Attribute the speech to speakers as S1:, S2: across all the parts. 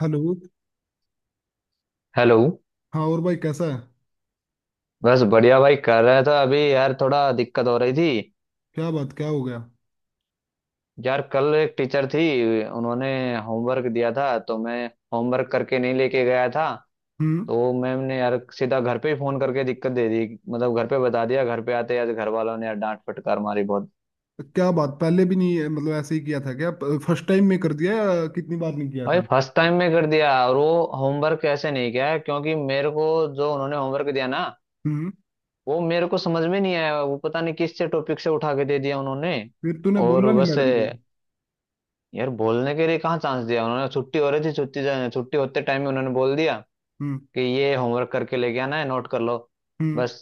S1: Hello.
S2: Hello.
S1: हाँ और भाई कैसा है?
S2: बस बढ़िया भाई, कर रहा था अभी यार थोड़ा दिक्कत हो रही थी।
S1: क्या बात, क्या हो गया?
S2: यार कल एक टीचर थी, उन्होंने होमवर्क दिया था, तो मैं होमवर्क करके नहीं लेके गया था।
S1: हम्म।
S2: तो मैम ने यार सीधा घर पे ही फोन करके दिक्कत दे दी। मतलब घर पे बता दिया, घर पे आते यार घर वालों ने यार डांट फटकार मारी बहुत।
S1: क्या बात, पहले भी नहीं, मतलब ऐसे ही किया था क्या? फर्स्ट टाइम में कर दिया या कितनी बार नहीं किया
S2: भाई
S1: था?
S2: फर्स्ट टाइम में कर दिया, और वो होमवर्क ऐसे नहीं किया है क्योंकि मेरे को जो उन्होंने होमवर्क दिया ना,
S1: हम्म।
S2: वो मेरे को समझ में नहीं आया। वो पता नहीं किस से टॉपिक से उठा के दे दिया उन्होंने।
S1: फिर तूने
S2: और
S1: बोला नहीं
S2: बस
S1: मैडम को?
S2: यार बोलने के लिए कहाँ चांस दिया उन्होंने, छुट्टी हो रही थी, छुट्टी होते टाइम ही उन्होंने बोल दिया
S1: हम्म।
S2: कि ये होमवर्क करके लेके आना है, नोट कर लो
S1: हम्म।
S2: बस।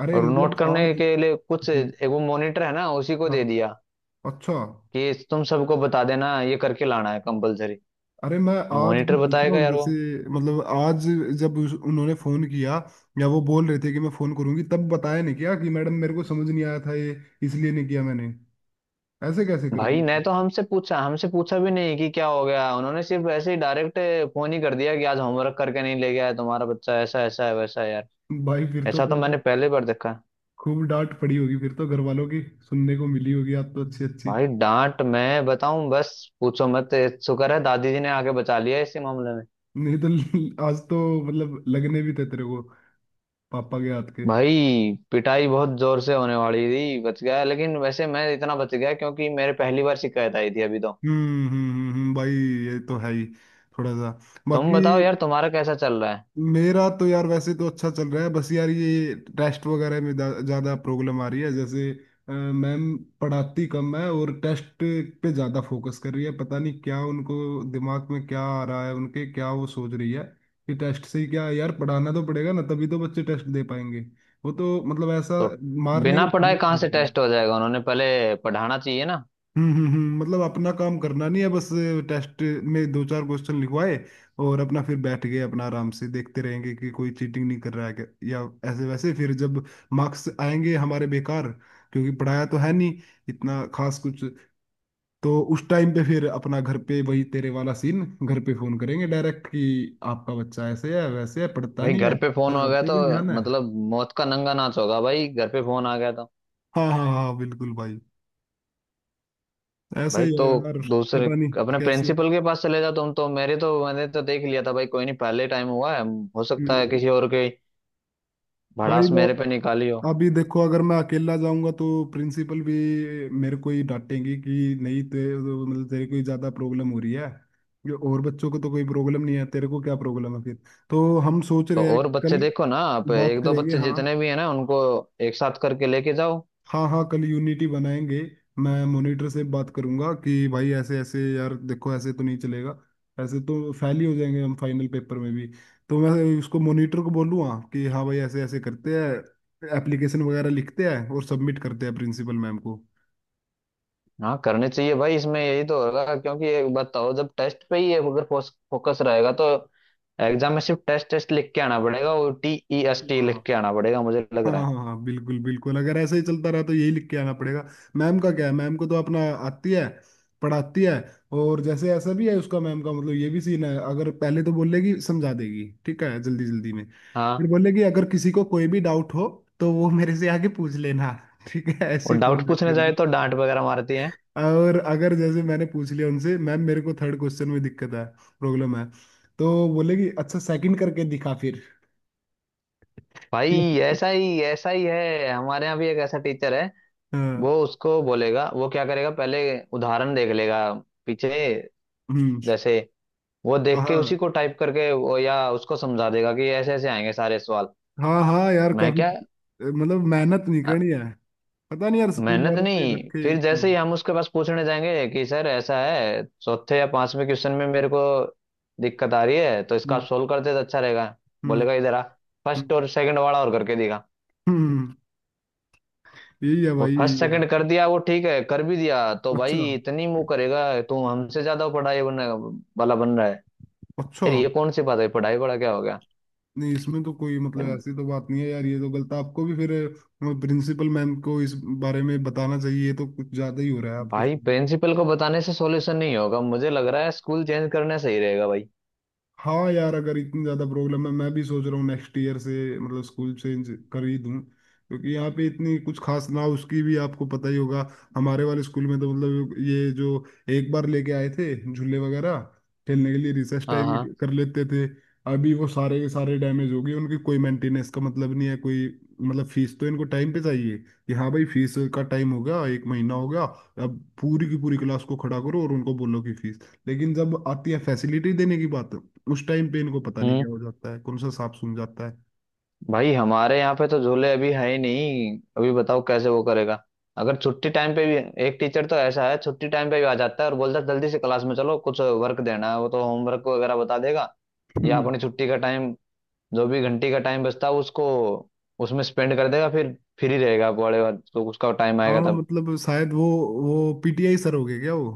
S1: अरे
S2: और नोट
S1: मतलब
S2: करने
S1: आज।
S2: के लिए कुछ
S1: हम्म।
S2: एक वो मॉनिटर है ना, उसी को
S1: हाँ।
S2: दे दिया
S1: अच्छा।
S2: कि तुम सबको बता देना ये करके लाना है कंपलसरी।
S1: अरे मैं आज भी
S2: मॉनिटर
S1: पूछ रहा
S2: बताएगा
S1: हूँ,
S2: यार वो।
S1: जैसे मतलब आज, जब उन्होंने फोन किया या वो बोल रहे थे कि मैं फोन करूंगी, तब बताया नहीं क्या कि मैडम मेरे को समझ नहीं आया था, ये इसलिए नहीं किया मैंने। ऐसे कैसे कर
S2: भाई
S1: दिया
S2: ने
S1: यार?
S2: तो हमसे पूछा, हमसे पूछा भी नहीं कि क्या हो गया, उन्होंने सिर्फ ऐसे ही डायरेक्ट फोन ही कर दिया कि आज होमवर्क करके नहीं ले गया है तुम्हारा बच्चा, ऐसा ऐसा है, वैसा है यार।
S1: भाई फिर तो
S2: ऐसा तो
S1: तेरे
S2: मैंने
S1: को
S2: पहले बार देखा।
S1: खूब डांट पड़ी होगी, फिर तो घर वालों की सुनने को मिली होगी आप तो अच्छी अच्छी।
S2: भाई डांट मैं बताऊं बस, पूछो मत। शुक्र है दादी जी ने आके बचा लिया इसी मामले में।
S1: नहीं तो आज तो मतलब लगने भी थे तेरे को पापा के हाथ के।
S2: भाई पिटाई बहुत जोर से होने वाली थी, बच गया। लेकिन वैसे मैं इतना बच गया क्योंकि मेरे पहली बार शिकायत आई थी अभी तो।
S1: भाई ये तो है ही, थोड़ा सा
S2: तुम
S1: बाकी।
S2: बताओ यार तुम्हारा कैसा चल रहा है।
S1: मेरा तो यार वैसे तो अच्छा चल रहा है, बस यार ये टेस्ट वगैरह में ज्यादा प्रॉब्लम आ रही है, जैसे मैम पढ़ाती कम है और टेस्ट पे ज्यादा फोकस कर रही है। पता नहीं क्या उनको दिमाग में क्या आ रहा है उनके, क्या वो सोच रही है कि टेस्ट से ही क्या है? यार पढ़ाना तो पड़ेगा ना, तभी तो बच्चे टेस्ट दे पाएंगे। वो तो मतलब ऐसा
S2: तो
S1: मारने
S2: बिना पढ़ाए
S1: की।
S2: कहाँ से टेस्ट हो जाएगा, उन्होंने पहले पढ़ाना चाहिए ना।
S1: मतलब अपना काम करना नहीं है बस। टेस्ट में दो चार क्वेश्चन लिखवाए और अपना फिर बैठ गए, अपना आराम से देखते रहेंगे कि कोई चीटिंग नहीं कर रहा है क्या या ऐसे वैसे। फिर जब मार्क्स आएंगे हमारे बेकार, क्योंकि पढ़ाया तो है नहीं इतना खास कुछ, तो उस टाइम पे फिर अपना घर पे वही तेरे वाला सीन, घर पे फोन करेंगे डायरेक्ट कि आपका बच्चा ऐसे है वैसे है, पढ़ता
S2: भाई
S1: नहीं
S2: घर
S1: है,
S2: पे फोन हो गया
S1: शरारते
S2: तो
S1: भी ध्यान है।
S2: मतलब मौत का नंगा नाच होगा भाई, घर पे फोन आ गया तो।
S1: हाँ हाँ हाँ बिल्कुल भाई, ऐसा
S2: भाई
S1: ही
S2: तो
S1: है यार।
S2: दूसरे
S1: पता नहीं
S2: अपने
S1: कैसे।
S2: प्रिंसिपल के पास चले जाओ तुम, तो मेरे तो मैंने तो देख लिया था भाई, कोई नहीं, पहले टाइम हुआ है। हो सकता है
S1: हम्म।
S2: किसी और के
S1: भाई
S2: भड़ास
S1: मैं
S2: मेरे पे निकाली हो।
S1: अभी देखो, अगर मैं अकेला जाऊंगा तो प्रिंसिपल भी मेरे को ही डांटेंगी कि नहीं तो मतलब तेरे को ही ज्यादा प्रॉब्लम हो रही है ये, और बच्चों को तो कोई प्रॉब्लम नहीं है, तेरे को क्या प्रॉब्लम है फिर। तो हम सोच
S2: तो
S1: रहे हैं
S2: और बच्चे
S1: कल
S2: देखो ना, आप
S1: बात
S2: एक दो
S1: करेंगे।
S2: बच्चे
S1: हाँ।
S2: जितने भी हैं ना उनको एक साथ करके लेके जाओ।
S1: हाँ हाँ कल यूनिटी बनाएंगे। मैं मॉनिटर से बात करूंगा कि भाई ऐसे ऐसे यार देखो, ऐसे तो नहीं चलेगा, ऐसे तो फेल ही हो जाएंगे हम फाइनल पेपर में भी। तो मैं उसको, मॉनिटर को बोलूँगा कि हाँ भाई ऐसे ऐसे करते हैं, एप्लीकेशन वगैरह लिखते हैं और सबमिट करते हैं प्रिंसिपल मैम को।
S2: हाँ करने चाहिए भाई, इसमें यही तो होगा। क्योंकि एक बताओ, जब टेस्ट पे ही अगर फोकस रहेगा तो एग्जाम में सिर्फ टेस्ट टेस्ट लिख के आना पड़ेगा, वो TEST
S1: हाँ।
S2: लिख के आना पड़ेगा मुझे लग
S1: हाँ
S2: रहा है।
S1: हाँ हाँ, बिल्कुल बिल्कुल, अगर ऐसे ही चलता रहा तो यही लिख के आना पड़ेगा। मैम का क्या है, मैम को तो अपना आती है, पढ़ाती है। और जैसे ऐसा भी है उसका, मैम का मतलब ये भी सीन है, अगर पहले तो बोलेगी समझा देगी, ठीक है जल्दी जल्दी में। फिर
S2: हाँ,
S1: बोलेगी अगर किसी को कोई भी डाउट हो तो वो मेरे से आगे पूछ लेना। ठीक है, ऐसी
S2: और डाउट
S1: टोन रख
S2: पूछने
S1: करके।
S2: जाए तो डांट वगैरह मारती है।
S1: और अगर जैसे मैंने पूछ लिया उनसे, मैम मेरे को थर्ड क्वेश्चन में दिक्कत है, प्रॉब्लम है, तो बोलेगी अच्छा सेकंड करके दिखा फिर।
S2: भाई ऐसा ही है, हमारे यहाँ भी एक ऐसा टीचर है।
S1: हाँ।
S2: वो उसको बोलेगा, वो क्या करेगा, पहले उदाहरण देख लेगा पीछे।
S1: हम्म।
S2: जैसे वो देख के उसी
S1: हाँ
S2: को टाइप करके वो या उसको समझा देगा कि ऐसे ऐसे आएंगे सारे सवाल।
S1: हाँ हाँ यार
S2: मैं
S1: काफी,
S2: क्या,
S1: मतलब मेहनत नहीं
S2: अ,
S1: करनी है। पता नहीं यार स्कूल
S2: मेहनत
S1: वालों ने
S2: नहीं,
S1: रखे हैं
S2: फिर
S1: क्यों।
S2: जैसे ही हम उसके पास पूछने जाएंगे कि सर ऐसा है, चौथे या पांचवें क्वेश्चन में मेरे को दिक्कत आ रही है, तो इसका आप
S1: हम्म
S2: सोल्व करते तो अच्छा रहेगा।
S1: हम्म
S2: बोलेगा इधर आ, फर्स्ट
S1: हम्म
S2: और सेकंड वाला और करके दिखा।
S1: हम्म, यही है
S2: वो
S1: भाई
S2: फर्स्ट
S1: यही है।
S2: सेकंड कर दिया, वो ठीक है कर भी दिया, तो
S1: अच्छा।
S2: भाई इतनी मुंह करेगा, तू हमसे ज्यादा पढ़ाई बनने वाला बन रहा है।
S1: अच्छा।
S2: यार ये कौन सी बात है, पढ़ाई वाला क्या हो गया
S1: नहीं इसमें तो कोई मतलब
S2: यार।
S1: ऐसी तो बात नहीं है यार, ये तो गलत। आपको भी फिर प्रिंसिपल मैम को इस बारे में बताना चाहिए, ये तो कुछ ज्यादा ही हो रहा है आपके
S2: भाई
S1: स्कूल।
S2: प्रिंसिपल को बताने से सॉल्यूशन नहीं होगा, मुझे लग रहा है स्कूल चेंज करना सही रहेगा भाई।
S1: हाँ यार अगर इतनी ज्यादा प्रॉब्लम है, मैं भी सोच रहा हूँ नेक्स्ट ईयर से मतलब स्कूल चेंज कर ही दूँ, क्योंकि यहाँ पे इतनी कुछ खास ना, उसकी भी आपको पता ही होगा। हमारे वाले स्कूल में तो मतलब ये जो एक बार लेके आए थे झूले वगैरह खेलने के लिए, रिसेस
S2: हाँ
S1: टाइम
S2: हाँ,
S1: में कर लेते थे, अभी वो सारे के सारे डैमेज हो गए, उनकी कोई मेंटेनेंस का मतलब नहीं है कोई। मतलब फीस तो इनको टाइम पे चाहिए, कि हाँ भाई फीस का टाइम होगा, एक महीना होगा, अब पूरी की पूरी क्लास को खड़ा करो और उनको बोलो कि फीस। लेकिन जब आती है फैसिलिटी देने की बात, उस टाइम पे इनको पता नहीं
S2: हम्म।
S1: क्या हो जाता है, कौन सा सांप सूंघ जाता है।
S2: भाई हमारे यहाँ पे तो झूले अभी है ही नहीं, अभी बताओ कैसे वो करेगा। अगर छुट्टी टाइम पे भी, एक टीचर तो ऐसा है छुट्टी टाइम पे भी आ जाता है और बोलता है जल्दी से क्लास में चलो, कुछ वर्क देना है। वो तो होमवर्क वगैरह बता देगा, या अपनी छुट्टी का टाइम, जो भी घंटी का टाइम बचता है उसको उसमें स्पेंड कर देगा। फिर फ्री रहेगा पड़े, तो उसका टाइम आएगा
S1: हाँ
S2: तब।
S1: मतलब शायद वो पीटीआई सर हो गए क्या वो?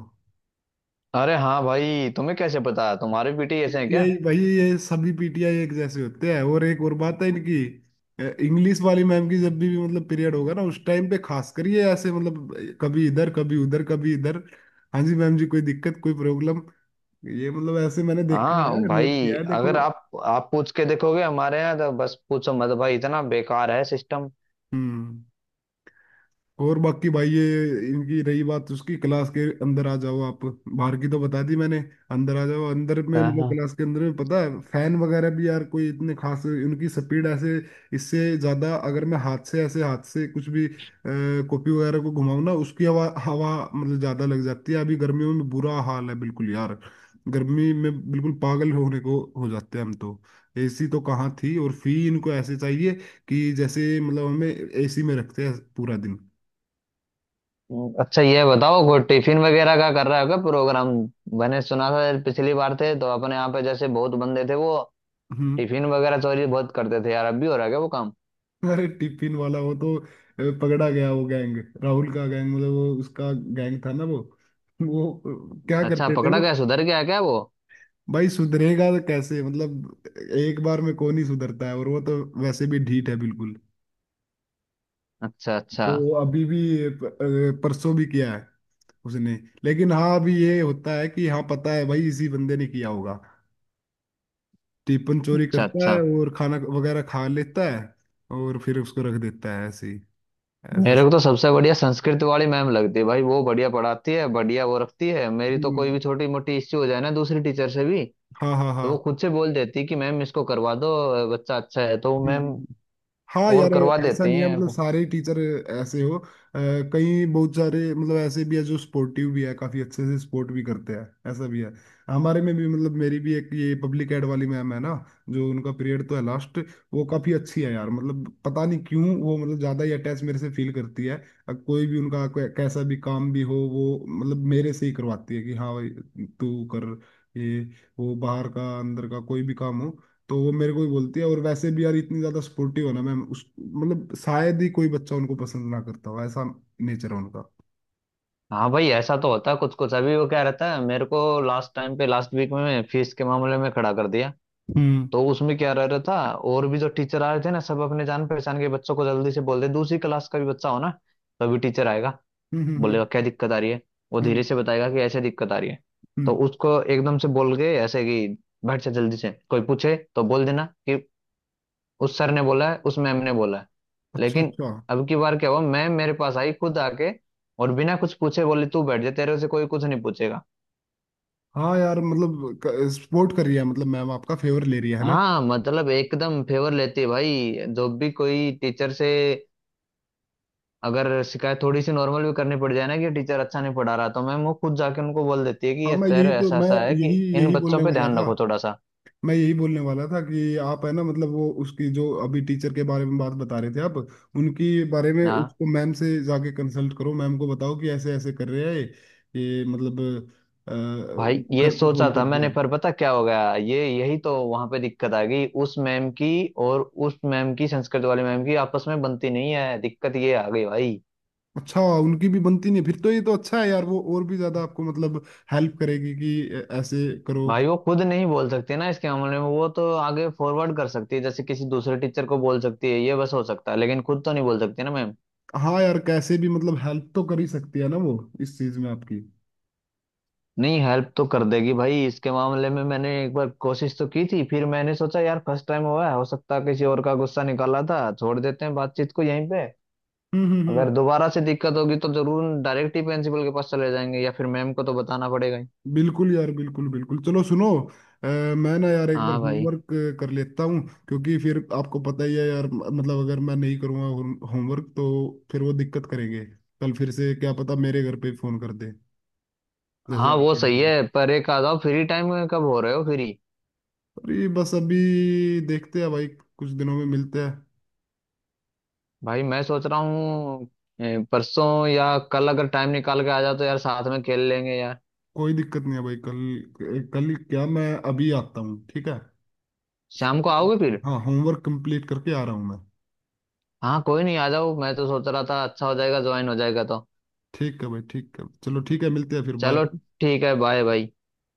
S2: अरे हाँ भाई, तुम्हें कैसे पता, तुम्हारे बेटे ही ऐसे हैं
S1: पीटीआई
S2: क्या।
S1: भाई, ये सभी पीटीआई एक जैसे होते हैं। और एक और बात है इनकी, इंग्लिश वाली मैम की, जब भी मतलब पीरियड होगा ना उस टाइम पे, खास करिए ऐसे, मतलब कभी इधर कभी उधर कभी इधर, हाँ जी मैम जी, कोई दिक्कत कोई प्रॉब्लम, ये मतलब ऐसे। मैंने देखा
S2: हाँ
S1: है, नोट
S2: भाई
S1: किया है देखो।
S2: अगर आप आप पूछ के देखोगे हमारे यहाँ, तो बस पूछो मत भाई, इतना बेकार है सिस्टम।
S1: हम्म। और बाकी भाई ये इनकी रही बात, उसकी क्लास के अंदर आ जाओ, आप बाहर की तो बता दी मैंने, अंदर आ जाओ, अंदर में
S2: हाँ
S1: मतलब
S2: हाँ,
S1: क्लास के अंदर में पता है फैन वगैरह भी यार कोई इतने खास, उनकी स्पीड ऐसे, इससे ज्यादा अगर मैं हाथ से ऐसे, हाथ से कुछ भी कॉपी वगैरह को घुमाऊं ना उसकी हवा, हवा मतलब ज्यादा लग जाती है। अभी गर्मियों में बुरा हाल है बिल्कुल यार, गर्मी में बिल्कुल पागल होने को हो जाते हैं हम तो। एसी तो कहाँ थी, और फी इनको ऐसे चाहिए कि जैसे मतलब हमें एसी में रखते हैं पूरा दिन।
S2: हम्म। अच्छा ये बताओ, वो टिफिन वगैरह का कर रहा होगा प्रोग्राम। मैंने सुना था यार, पिछली बार थे तो अपने यहाँ पे जैसे बहुत बंदे थे वो
S1: हम्म।
S2: टिफिन वगैरह चोरी बहुत करते थे यार, अब भी हो रहा है क्या वो काम।
S1: अरे टिफिन वाला वो तो पकड़ा गया वो गैंग, राहुल का गैंग, मतलब वो उसका गैंग था ना वो। वो क्या
S2: अच्छा,
S1: करते थे
S2: पकड़ा
S1: वो।
S2: गया, सुधर गया क्या वो।
S1: भाई सुधरेगा तो कैसे, मतलब एक बार में कौन ही सुधरता है, और वो तो वैसे भी ढीठ है बिल्कुल।
S2: अच्छा अच्छा।
S1: तो वो अभी भी परसों भी किया है उसने। लेकिन हाँ अभी ये होता है कि हाँ पता है भाई इसी बंदे ने किया होगा, टिफिन चोरी
S2: अच्छा
S1: करता है
S2: अच्छा।
S1: और खाना वगैरह खा लेता है, और फिर उसको रख देता है ऐसे ही, ऐसा।
S2: मेरे को तो सबसे बढ़िया संस्कृत वाली मैम लगती है भाई, वो बढ़िया पढ़ाती है, बढ़िया वो रखती है। मेरी तो कोई
S1: हम्म।
S2: भी छोटी मोटी इश्यू हो जाए ना दूसरी टीचर से भी,
S1: हाँ हाँ
S2: तो वो
S1: हाँ।
S2: खुद से बोल देती है कि मैम इसको करवा दो, बच्चा अच्छा है तो वो
S1: हम्म, हम्म,
S2: मैम,
S1: हम्म। हाँ
S2: और
S1: यार
S2: करवा
S1: ऐसा
S2: देती
S1: नहीं है,
S2: हैं।
S1: मतलब सारे टीचर ऐसे हो। अ, कई बहुत सारे मतलब ऐसे भी है जो स्पोर्टिव भी है, काफी अच्छे से स्पोर्ट भी करते हैं, ऐसा भी है। हमारे में भी, मतलब मेरी भी एक ये पब्लिक एड वाली मैम है ना, जो उनका पीरियड तो है लास्ट, वो काफी अच्छी है यार। मतलब पता नहीं क्यों वो मतलब ज्यादा ही अटैच मेरे से फील करती है। कोई भी उनका कैसा भी काम भी हो, वो मतलब मेरे से ही करवाती है कि हाँ भाई तू कर ये, वो बाहर का अंदर का कोई भी काम हो तो वो मेरे को ही बोलती है। और वैसे भी यार इतनी ज्यादा सपोर्टिव है ना मैम, उस मतलब शायद ही कोई बच्चा उनको पसंद ना करता हो, ऐसा नेचर है उनका।
S2: हाँ भाई ऐसा तो होता है कुछ कुछ। अभी वो क्या रहता है, मेरे को लास्ट टाइम पे लास्ट वीक में फीस के मामले में खड़ा कर दिया,
S1: हम्म
S2: तो उसमें क्या रह रहा था, और भी जो टीचर आ रहे थे ना, सब अपने जान पहचान के बच्चों को जल्दी से बोल दे, दूसरी क्लास का भी बच्चा हो ना, तभी टीचर आएगा,
S1: हम्म हम्म हम्म
S2: बोलेगा क्या दिक्कत आ रही है, वो
S1: हम्म,
S2: धीरे से बताएगा कि ऐसे दिक्कत आ रही है, तो
S1: हम्म।
S2: उसको एकदम से बोल के ऐसे कि बैठ जा जल्दी से, कोई पूछे तो बोल देना कि उस सर ने बोला है, उस मैम ने बोला है।
S1: अच्छा अच्छा।
S2: लेकिन अब की बार क्या हुआ, मैम मेरे पास आई खुद आके, और बिना कुछ पूछे बोली, तू बैठ जा, तेरे से कोई कुछ नहीं पूछेगा।
S1: हाँ यार मतलब सपोर्ट कर रही है, मतलब मैम आपका फेवर ले रही है ना।
S2: हाँ मतलब एकदम फेवर लेती है भाई, जो भी कोई टीचर से अगर शिकायत थोड़ी सी नॉर्मल भी करनी पड़ जाए ना कि टीचर अच्छा नहीं पढ़ा रहा, तो मैम वो खुद जाके उनको बोल देती है कि
S1: हाँ
S2: ये
S1: मैं
S2: सर
S1: यही तो
S2: ऐसा
S1: मैं
S2: ऐसा है कि
S1: यही
S2: इन
S1: यही बोलने
S2: बच्चों पे
S1: वाला
S2: ध्यान
S1: था।
S2: रखो थोड़ा सा।
S1: मैं यही बोलने वाला था कि आप है ना, मतलब वो उसकी जो अभी टीचर के बारे में बात बता रहे थे आप, उनकी बारे में
S2: ना
S1: उसको मैम से जाके कंसल्ट करो, मैम को बताओ कि ऐसे ऐसे कर रहे हैं, ये मतलब अ,
S2: भाई ये
S1: घर पे
S2: सोचा
S1: फोन कर
S2: था मैंने,
S1: दिया।
S2: पर पता क्या हो गया ये, यही तो वहां पे दिक्कत आ गई उस मैम की। और उस मैम की संस्कृत वाली मैम की आपस में बनती नहीं है, दिक्कत ये आ गई भाई।
S1: अच्छा उनकी भी बनती नहीं फिर तो, ये तो अच्छा है यार, वो और भी ज्यादा आपको मतलब हेल्प करेगी कि ऐसे करो।
S2: भाई वो खुद नहीं बोल सकती ना इसके मामले में, वो तो आगे फॉरवर्ड कर सकती है, जैसे किसी दूसरे टीचर को बोल सकती है ये बस हो सकता है, लेकिन खुद तो नहीं बोल सकती ना मैम।
S1: हाँ यार कैसे भी मतलब हेल्प तो कर ही सकती है ना वो इस चीज में आपकी।
S2: नहीं, हेल्प तो कर देगी भाई इसके मामले में, मैंने एक बार कोशिश तो की थी, फिर मैंने सोचा यार फर्स्ट टाइम हुआ है, हो सकता है किसी और का गुस्सा निकाला था, छोड़ देते हैं बातचीत को यहीं पे।
S1: हम्म।
S2: अगर दोबारा से दिक्कत होगी तो जरूर डायरेक्ट ही प्रिंसिपल के पास चले जाएंगे, या फिर मैम को तो बताना पड़ेगा ही।
S1: बिल्कुल यार बिल्कुल बिल्कुल। चलो सुनो, अ, मैं ना यार एक बार
S2: हाँ भाई।
S1: होमवर्क कर लेता हूँ, क्योंकि फिर आपको पता ही है यार मतलब अगर मैं नहीं करूँगा होमवर्क तो फिर वो दिक्कत करेंगे, कल फिर से क्या पता मेरे घर पे ही फोन कर दे जैसे
S2: हाँ वो
S1: आपके
S2: सही
S1: लिए।
S2: है, पर एक आ जाओ, फ्री टाइम कब हो रहे हो फ्री।
S1: अरे बस अभी देखते हैं भाई, कुछ दिनों में मिलते हैं।
S2: भाई मैं सोच रहा हूँ, परसों या कल अगर टाइम निकाल के आ जाओ तो यार साथ में खेल लेंगे यार।
S1: कोई दिक्कत नहीं है भाई, कल कल क्या, मैं अभी आता हूँ ठीक है।
S2: शाम को आओगे फिर।
S1: हाँ होमवर्क कंप्लीट करके आ रहा हूँ मैं।
S2: हाँ कोई नहीं, आ जाओ, मैं तो सोच रहा था अच्छा हो जाएगा, ज्वाइन हो जाएगा तो।
S1: ठीक है भाई ठीक है चलो, ठीक है मिलते हैं फिर, बाय।
S2: चलो ठीक है, बाय भाई।